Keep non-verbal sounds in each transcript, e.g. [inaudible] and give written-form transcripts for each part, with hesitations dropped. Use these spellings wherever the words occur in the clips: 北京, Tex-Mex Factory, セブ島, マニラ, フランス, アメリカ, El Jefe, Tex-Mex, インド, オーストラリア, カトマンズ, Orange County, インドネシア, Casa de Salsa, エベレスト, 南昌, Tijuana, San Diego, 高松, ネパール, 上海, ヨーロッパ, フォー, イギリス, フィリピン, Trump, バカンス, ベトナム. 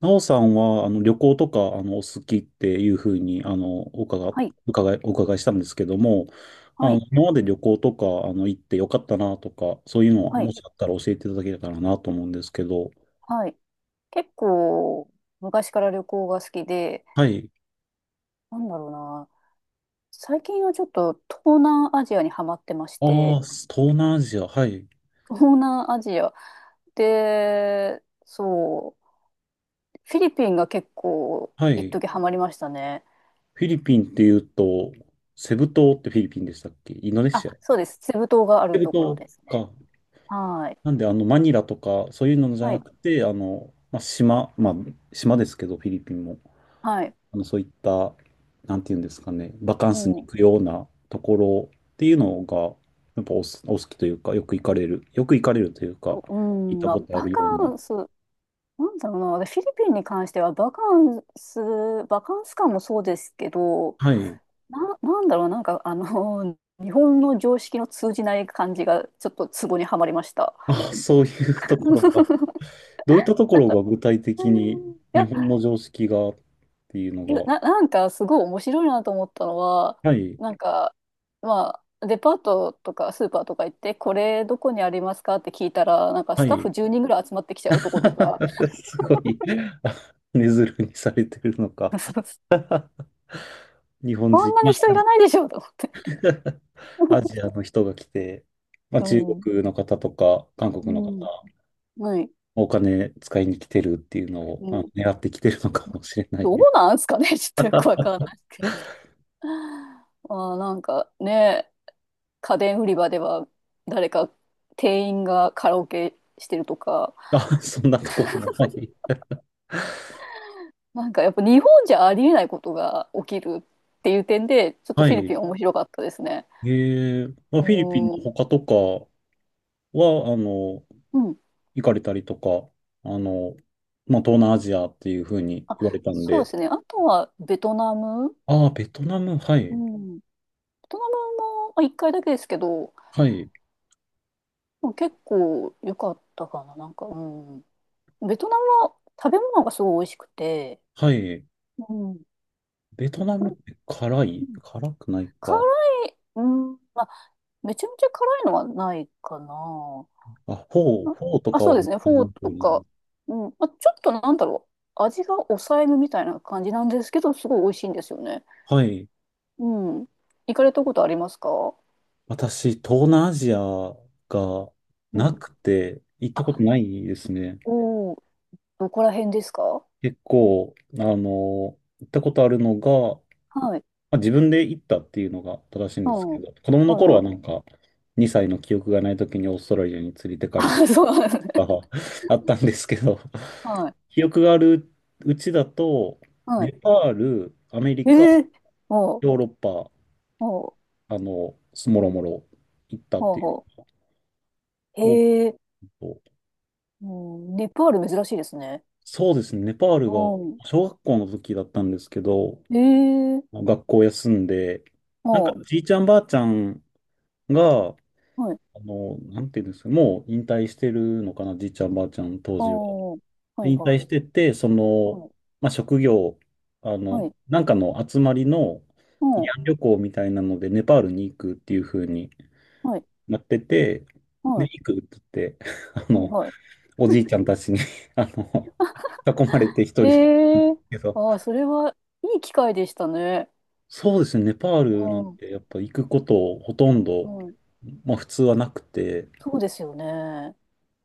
なおさんは、旅行とか、お好きっていうふうに、はい、お伺いしたんですけども、はい、今まで旅行とか、行ってよかったなとか、そういうのをはもい、しあったら教えていただけたらなと思うんですけど、はい。結構、昔から旅行が好きで、はい。なんだろうな。最近はちょっと東南アジアにハマってましああ、て、東南アジア、はい。東南アジアで、そう、フィリピンが結構、は一い。時ハマりましたね。フィリピンっていうと、セブ島ってフィリピンでしたっけ、インドネあ、シア。セそうです。セブ島があるブところ島ですね。か。はい。なんで、マニラとか、そういうのじゃはない。くて、まあ、島、まあ、島ですけど、フィリピンも。はい。あの、そういった、なんていうんですかね、バカンうスに行ん。くようなところっていうのが、やっぱおす、お好きというか、よく行かれるというか、う行っん、たまこあ、とあバるよカうな。ンス、なんだろうな。私フィリピンに関しては、バカンス感もそうですけど、はい。なんだろう、なんか、[laughs] 日本の常識の通じない感じが、ちょっとツボにはまりました。あ、そういうところが、[laughs] どういったところが具体う的にん、い日や、本の常識がっていうのなんか、すごい面白いなと思ったのは、が、はい、なんか、まあ、デパートとかスーパーとか行って、これどこにありますかって聞いたら、なんかはスタッい。フ10人ぐらい集まってきちゃうとことか、[laughs] すごい、あ、根ずるにされてるのか。[laughs] 日本こん人、なまに人いあ らないでしょと思って。[laughs] アジアの人が来て、ま [laughs] あ、中う国の方とか、韓国ん。の方、うん。はい。お金使いに来てるっていうのを、うあ、ん。狙ってきてるのかもしれなどうい。なんすかね。 [laughs] ちょっとよくわかんないですけど。ああ、なんかね、家電売り場では誰か店員がカラオケしてるとか、あ、[laughs] そんなところも。はい。なんかやっぱ日本じゃありえないことが起きるっていう点で、ちょっとはフィリい。ピン面白かったですね。ええ、まあ、フィリピンのうん。他とかは、うん。行かれたりとか、あの、まあ、東南アジアっていうふうにあ、言われたんそうで。ですね。あとはベトナム。ああ、ベトナム、はうい。ん。ベトナムもまあ一回だけですけど、はい。でも結構良かったかな。なんか、うん。ベトナムは食べ物がすごい美味しくて、はい。うん。ベトナうムって辛い、ん、辛くない辛か。い、うん、まあ、めちゃめちゃ辛いのはないかな。あ、な、フォーとあ、かそは、うですね。あフォの、ーとか。うん。まあ、ちょっとなんだろう。味が抑えめみたいな感じなんですけど、すごい美味しいんですよね。はい。うん。行かれたことありますか？私、東南アジアがうなん。くて、行ったことあ、ないですね。おー、どこら辺ですか？結構、行ったことあるのが、はい。まあ、自分で行ったっていうのが正しいんうですん。けはど、子供のい頃ははい。なんか、2歳の記憶がない時にオーストラリアに連れてかれたりあ、そうなんですね。とか [laughs] あったんですけど、はい。記憶があるうちだと、はい。ネパール、アメリカ、ええ、ほう、ヨーロッパ、ほう、あの、もろもろ行ったっほう、ていうほのがう。多へえ、く、うん、ネパール珍しいですね。そうですね。ネパールがうん。小学校の時だったんですけど、ええ、学校休んで、ほなんかじいちゃんばあちゃんが、う。はい、なんていうんですか、もう引退してるのかな、じいちゃんばあちゃん当ああ、時は。はでい引は退してい。て、その、はい、まあ、職業、はい、なんかの集まりのう慰ん、安旅行みたいなので、ネパールに行くっていう風にはい、なってて、で、はい、行くって言って、[laughs] あはい、の、はおじいちゃんたちに [laughs]、あの、囲まれて一い。人、ええー、けど、ああ、それはいい機会でしたね。そうですね、ネパールなうんん、てやっぱ行くことほとんど、はい。まあ普通はなくて、そうですよね。うん、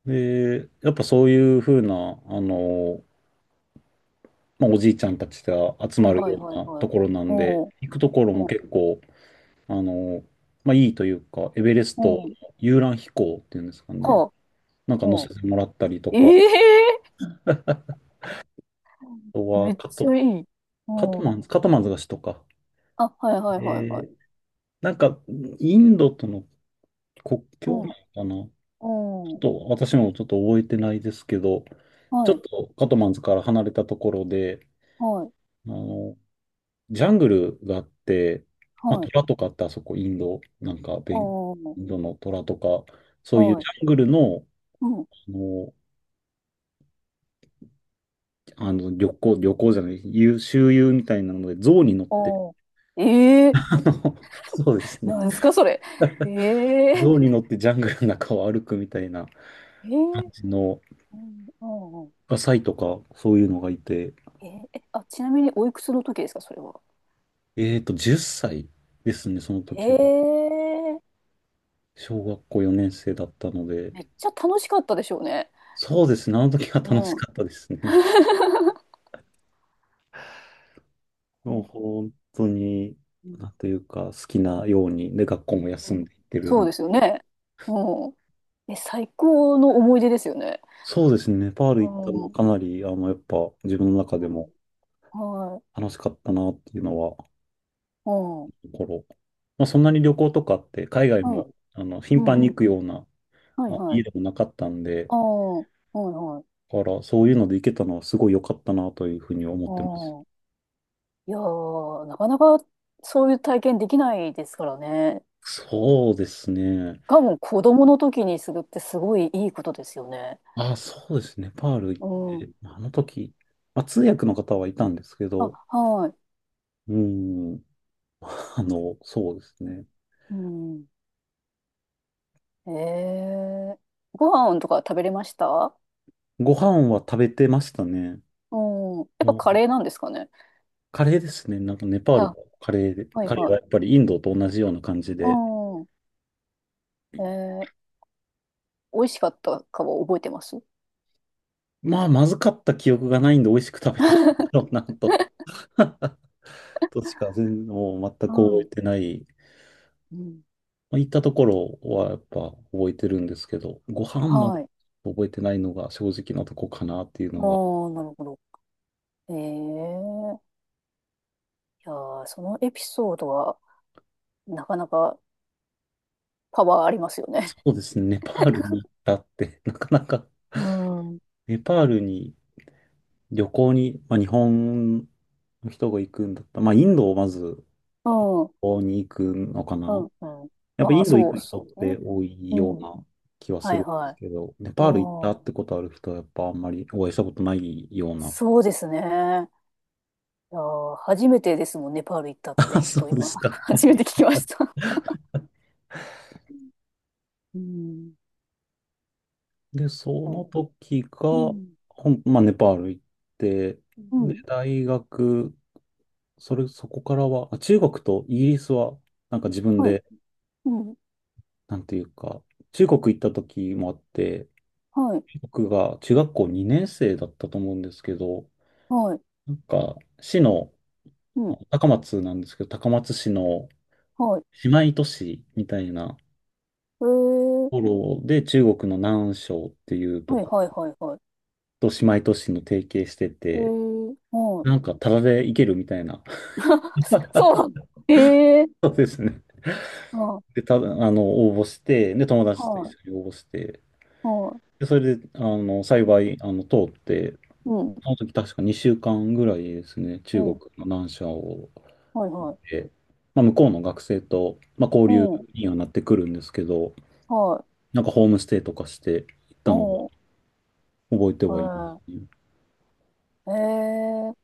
で、やっぱそういうふうな、まあおじいちゃんたちが集はい、まるはい、ようはい、なはとい。ころなうんで、ん、行くところもうん、結構、あの、まあいいというか、エベレストのうん、遊覧飛行っていうんですかね、はなんかあ、乗うせん。てもらったりとえか、え [laughs] あとー、めはっカちト、ゃいい。カトうマん。ンズ、カトマンズが首都か。あ、はい、はい、えはい、はー、い。なんかインドとの国う境ん、なのかな、うちょっん、と私もちょっと覚えてないですけど、ちょはっい、とカトマンズから離れたところで、はい、あの、ジャングルがあって、まあ、はい。虎とかってあそこインド、なんかベン、うん、インドの虎とか、そういうはジい、ャングルの、うん。あの、あの旅うん。行、旅行じゃない、遊周遊みたいなので、象に乗って、ああ。[laughs] ええ、あの、そうですなね。んですか、それ。ええ、象に乗ってジャングルの中を歩くみたいなええ、感じの、うん、うんうん、サイとか、そういうのがいて。ええ、え、あ、ちなみにおいくつの時ですか、それは。えっと、10歳ですね、その時は。ええ、小学校4年生だったので、めっちゃ楽しかったでしょうね。そうですね、あの時は楽しうかったん。ですね。もうえ、本当に、うなん、んというか、好きなように、で、学校もう休ん、んでいってるそうんですよで、ね。うん。え、最高の思い出ですよね。そうですね、ネパールう行ったのはん。かなり、やっぱ自分の中うでもん。はい。楽しかったなっていうのは、うん。心。まあ、そんなに旅行とかって、海外うん。も、頻う繁ん。に行くような、はいまあ、はい。家でもなかったんで、ああ、はいはい。だから、そういうので行けたのはすごい良かったなというふうに思ってます。うん。いやー、なかなかそういう体験できないですからね。そうですね。多分子供の時にするってすごいいいことですよね。あ、そうですね。パール行っうん。て、まあの時、まあ、通訳の方はいたんですけど、あ、はい。うん、[laughs] そうですね。うん。ええ、ご飯とか食べれました？ご飯は食べてましたね。うん。やっぱもカう、レーなんですかね。カレーですね。なんかネパールあ、もカレーで、はいカレーははい。やっぱりインドと同じような感じうで、ん。ええ、美味しかったかは覚えてます？まあ、まずかった記憶がないんで美味しく食べてたんだろうなと、[laughs] としか全、もう全はく覚えい。てない。うん。まあ、行ったところはやっぱ覚えてるんですけど、ご飯まではい。覚えてないのが正直なとこかなっていうあのが、あ、なるほど。ええ、いやー、そのエピソードはなかなかパワーありますよそね。うですね。ネパールに行ったって、[laughs] なかなか、うん。うん。ネパールに旅行に、まあ、日本の人が行くんだったら、まあ、インドをまずう旅ん。行に行くのかな。うん。やっぱイまあ、ンド行そうく人っそうてね。多いうようん。な気はすはるいんではすい。けど、ネうパール行ったん。ってことある人はやっぱあんまりお会いしたことないような。そうですね。いやー、初めてですもんね、ネパール行った [laughs] っあ、てそ人、うで今。す [laughs] か。は初めい。て聞きました。うん。で、そのそ時う。うが、ん。ほん、まあ、ネパール行って、うで、ん。大学、それ、そこからは、あ、中国とイギリスは、なんか自分はい。でうん。なんていうか、中国行った時もあって、はい。僕が中学校2年生だったと思うんですけど、はい。なんか、市の、うあん。高松なんですけど、高松市のはい。姉妹都市みたいなとえー。ころで、中国の南昌っていうとはいこはいはいはい。と姉妹都市の提携してえて、ー。はない。んか、タダで行けるみたいな。[laughs] [laughs] そ、そうなの？えそうですね。ー。あ、はで、た、あの、応募して、で、友達と一い。緒に応募して、はで、それで、い。幸い、通って、うん。その時確か2週間ぐらいですね、う中国ん。の南沙を、はいはい。で、まあ、向こうの学生と、まあ、交う流ん。にはなってくるんですけど、はい。なんかホームステイとかして行ったのはう覚えてはいますん。ね。ええー、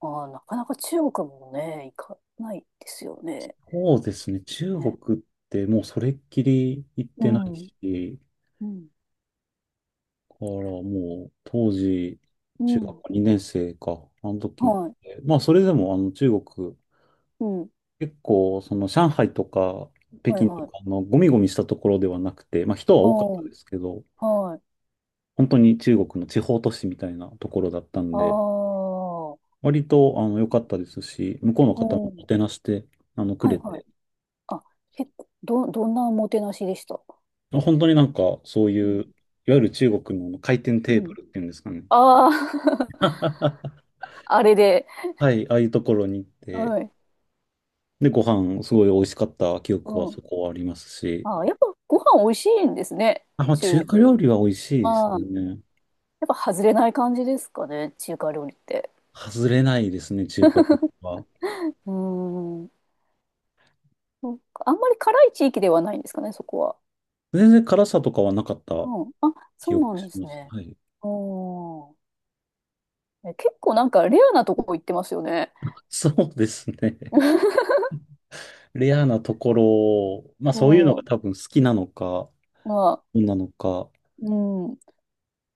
ああ、なかなか中国もね、行かないですよね。そうでそすね、う中ね。国ってもうそれっきり行っうてないん。し、うん。だからもう当時、う中ん。学校2年生か、あの時っはい。て、まあそれでもあの中国、うん。結構その上海とか北はい京とはかい。のゴミゴミしたところではなくて、まあ人はあ多かっあ、たですけど、はい。本当に中国の地方都市みたいなところだったんあで、あ、割とあの良かったですし、向こうのう方ももん。てなしてくはれいはい。て、あ、結構、どんなおもてなしでした？本当になんかそうういう、いん。わゆる中国の回転うテーブん。ルっていうんですかね。ああ、[laughs] [laughs] あれで。はい、ああいうところに行って、はい。で、ご飯すごい美味しかった記憶はうん。そこはありますし、ああ、やっぱご飯美味しいんですね。あ、まあ、中中華国。料理は美味しいですああ、やっね。ぱ外れない感じですかね。中華料理って。外れないですね、中華料理は。うーん。そうか、あんまり辛い地域ではないんですかね、そこは。全然辛さとかはなかったうん。あ、記そう憶なんしですます。ね。はい。うん。え、結構なんかレアなとこ行ってますよね。[laughs] そうですね。[laughs] レアなところ、まあうそういうのがん。多分好きなのか、まあ、どうなのか、うん。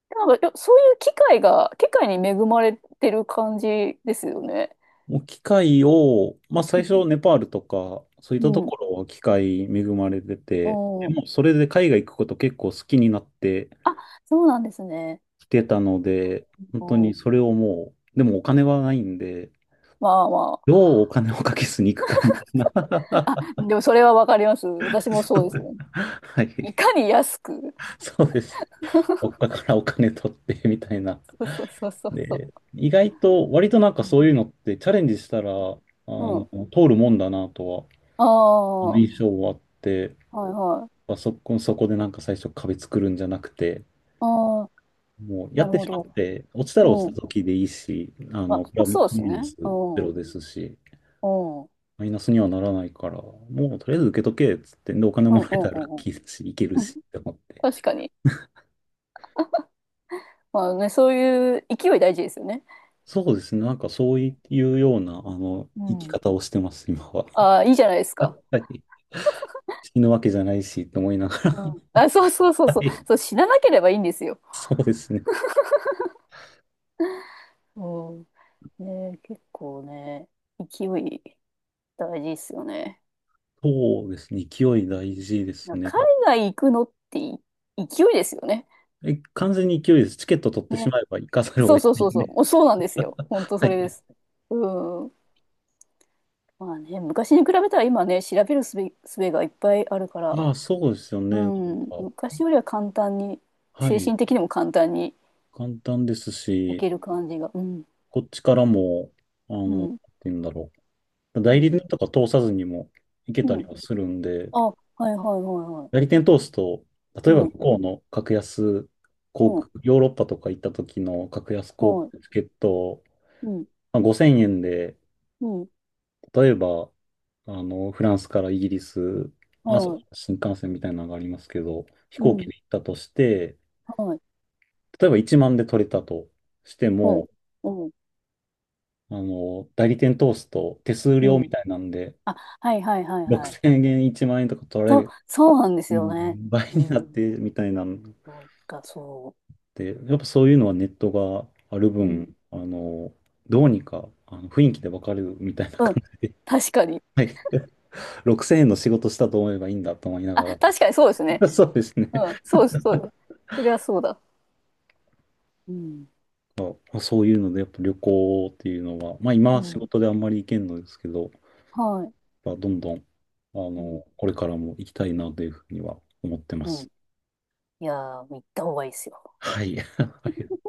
なんか、いや、そういう機会が、機会に恵まれてる感じですよね。もう機械を、まあう最初ネパールとか、そういったとん。ころは機械恵まれてて、うでん。もそれで海外行くこと結構好きになってあ、そうなんですね。きてたので、本う当にそん。れをもう、でもお金はないんで、まあまあ。どうお金をかけずに行くかみたいな。あ、でもそれはわかります。私 [laughs] もそうですもはん。いい、かに安く。そうです。どっかからお金取ってみたいなそうそうそうそうそで、う。意外と、割となんうかそうん。いうのってチャレンジしたら、うの、ん。通るもんだなとは、ああ、は印象はあって、いはい。そこでなんか最初壁作るんじゃなくて、ああ、もうやなっるてほしまど。って、落ちたら落ちうたん。時でいいし、あ、まプあラマイそうですね。ナスうゼん。ロうですし、ん。うん。マイナスにはならないから、もうとりあえず受けとけっつって、で、お金うもん。らうえたらラッん。キーだし、いけるうん。しって思って。確かに。まあね、そういう勢い大事ですよね。そうですね、なんかそういうような、う生きん。方をしてます、今は。ああ、いいじゃないですか。[laughs] はい、死ぬわけじゃないし、と思いながうら。ん。あ、そうそうそうはそう。い。そう、死ななければいいんですよ。そうですね。うん。ね、結構ね、勢い大事ですよね。そうですね。勢いうん、大事ですね。海外行くのってい勢いですよね。え、完全に勢いです。チケット取ってしね。まえば行かざるをそう得そうないそうんそう。で。もうそうなんですよ。本当 [laughs] はそれでい。す。うん。まあね、昔に比べたら今ね、調べるすべがいっぱいあるから、ああ、そうですようね。なんか、ん、昔よりは簡単に、は精い。神的にも簡単に簡単ですいし、ける感じが。うん、こっちからも、あの、うなんてん、言うんだろう。代う理ん、店とか通さずにも行けうたりん。はするんで、あ、はいはいはいはい。代理店通すと、う例えばん、向こうの格安航う空、ん、ヨーロッパとか行った時の格安航はい、空チケットを、うん、まあ、5000円で、うん、例えば、フランスからイギリス、あ、そうはい、新幹線みたいなのがありますけど、飛う行機ん、で行ったとして、はい、例えば1万で取れたとしてうん、も、うん、代理店通すと手数う料みん。たいなんで、あ、はいはいはいはい。6000円、1万円とか取らそれう、る、そうなんですもようね。倍うになっん、てみたいなんなんかそで、やっぱそういうのはネットがあるう。う分、ん、あの、どうにか、あの、雰囲気でわかるみたいなう感ん、じで、確かに。はい、6000円の仕事したと思えばいいんだと思いなあ、が確かにそうですね。ら、[laughs] そうですね。うん、そうです、そうです。そりゃそうだ。うん、まあ、そういうので、やっぱ旅行っていうのは、まあう今仕ん、事であんまり行けんのですけど、はい。まあ、どんどん、うん、これからも行きたいなというふうには思ってまうん。す。いやー、行った方がいいですよ。はい。[laughs] ありがとうございます。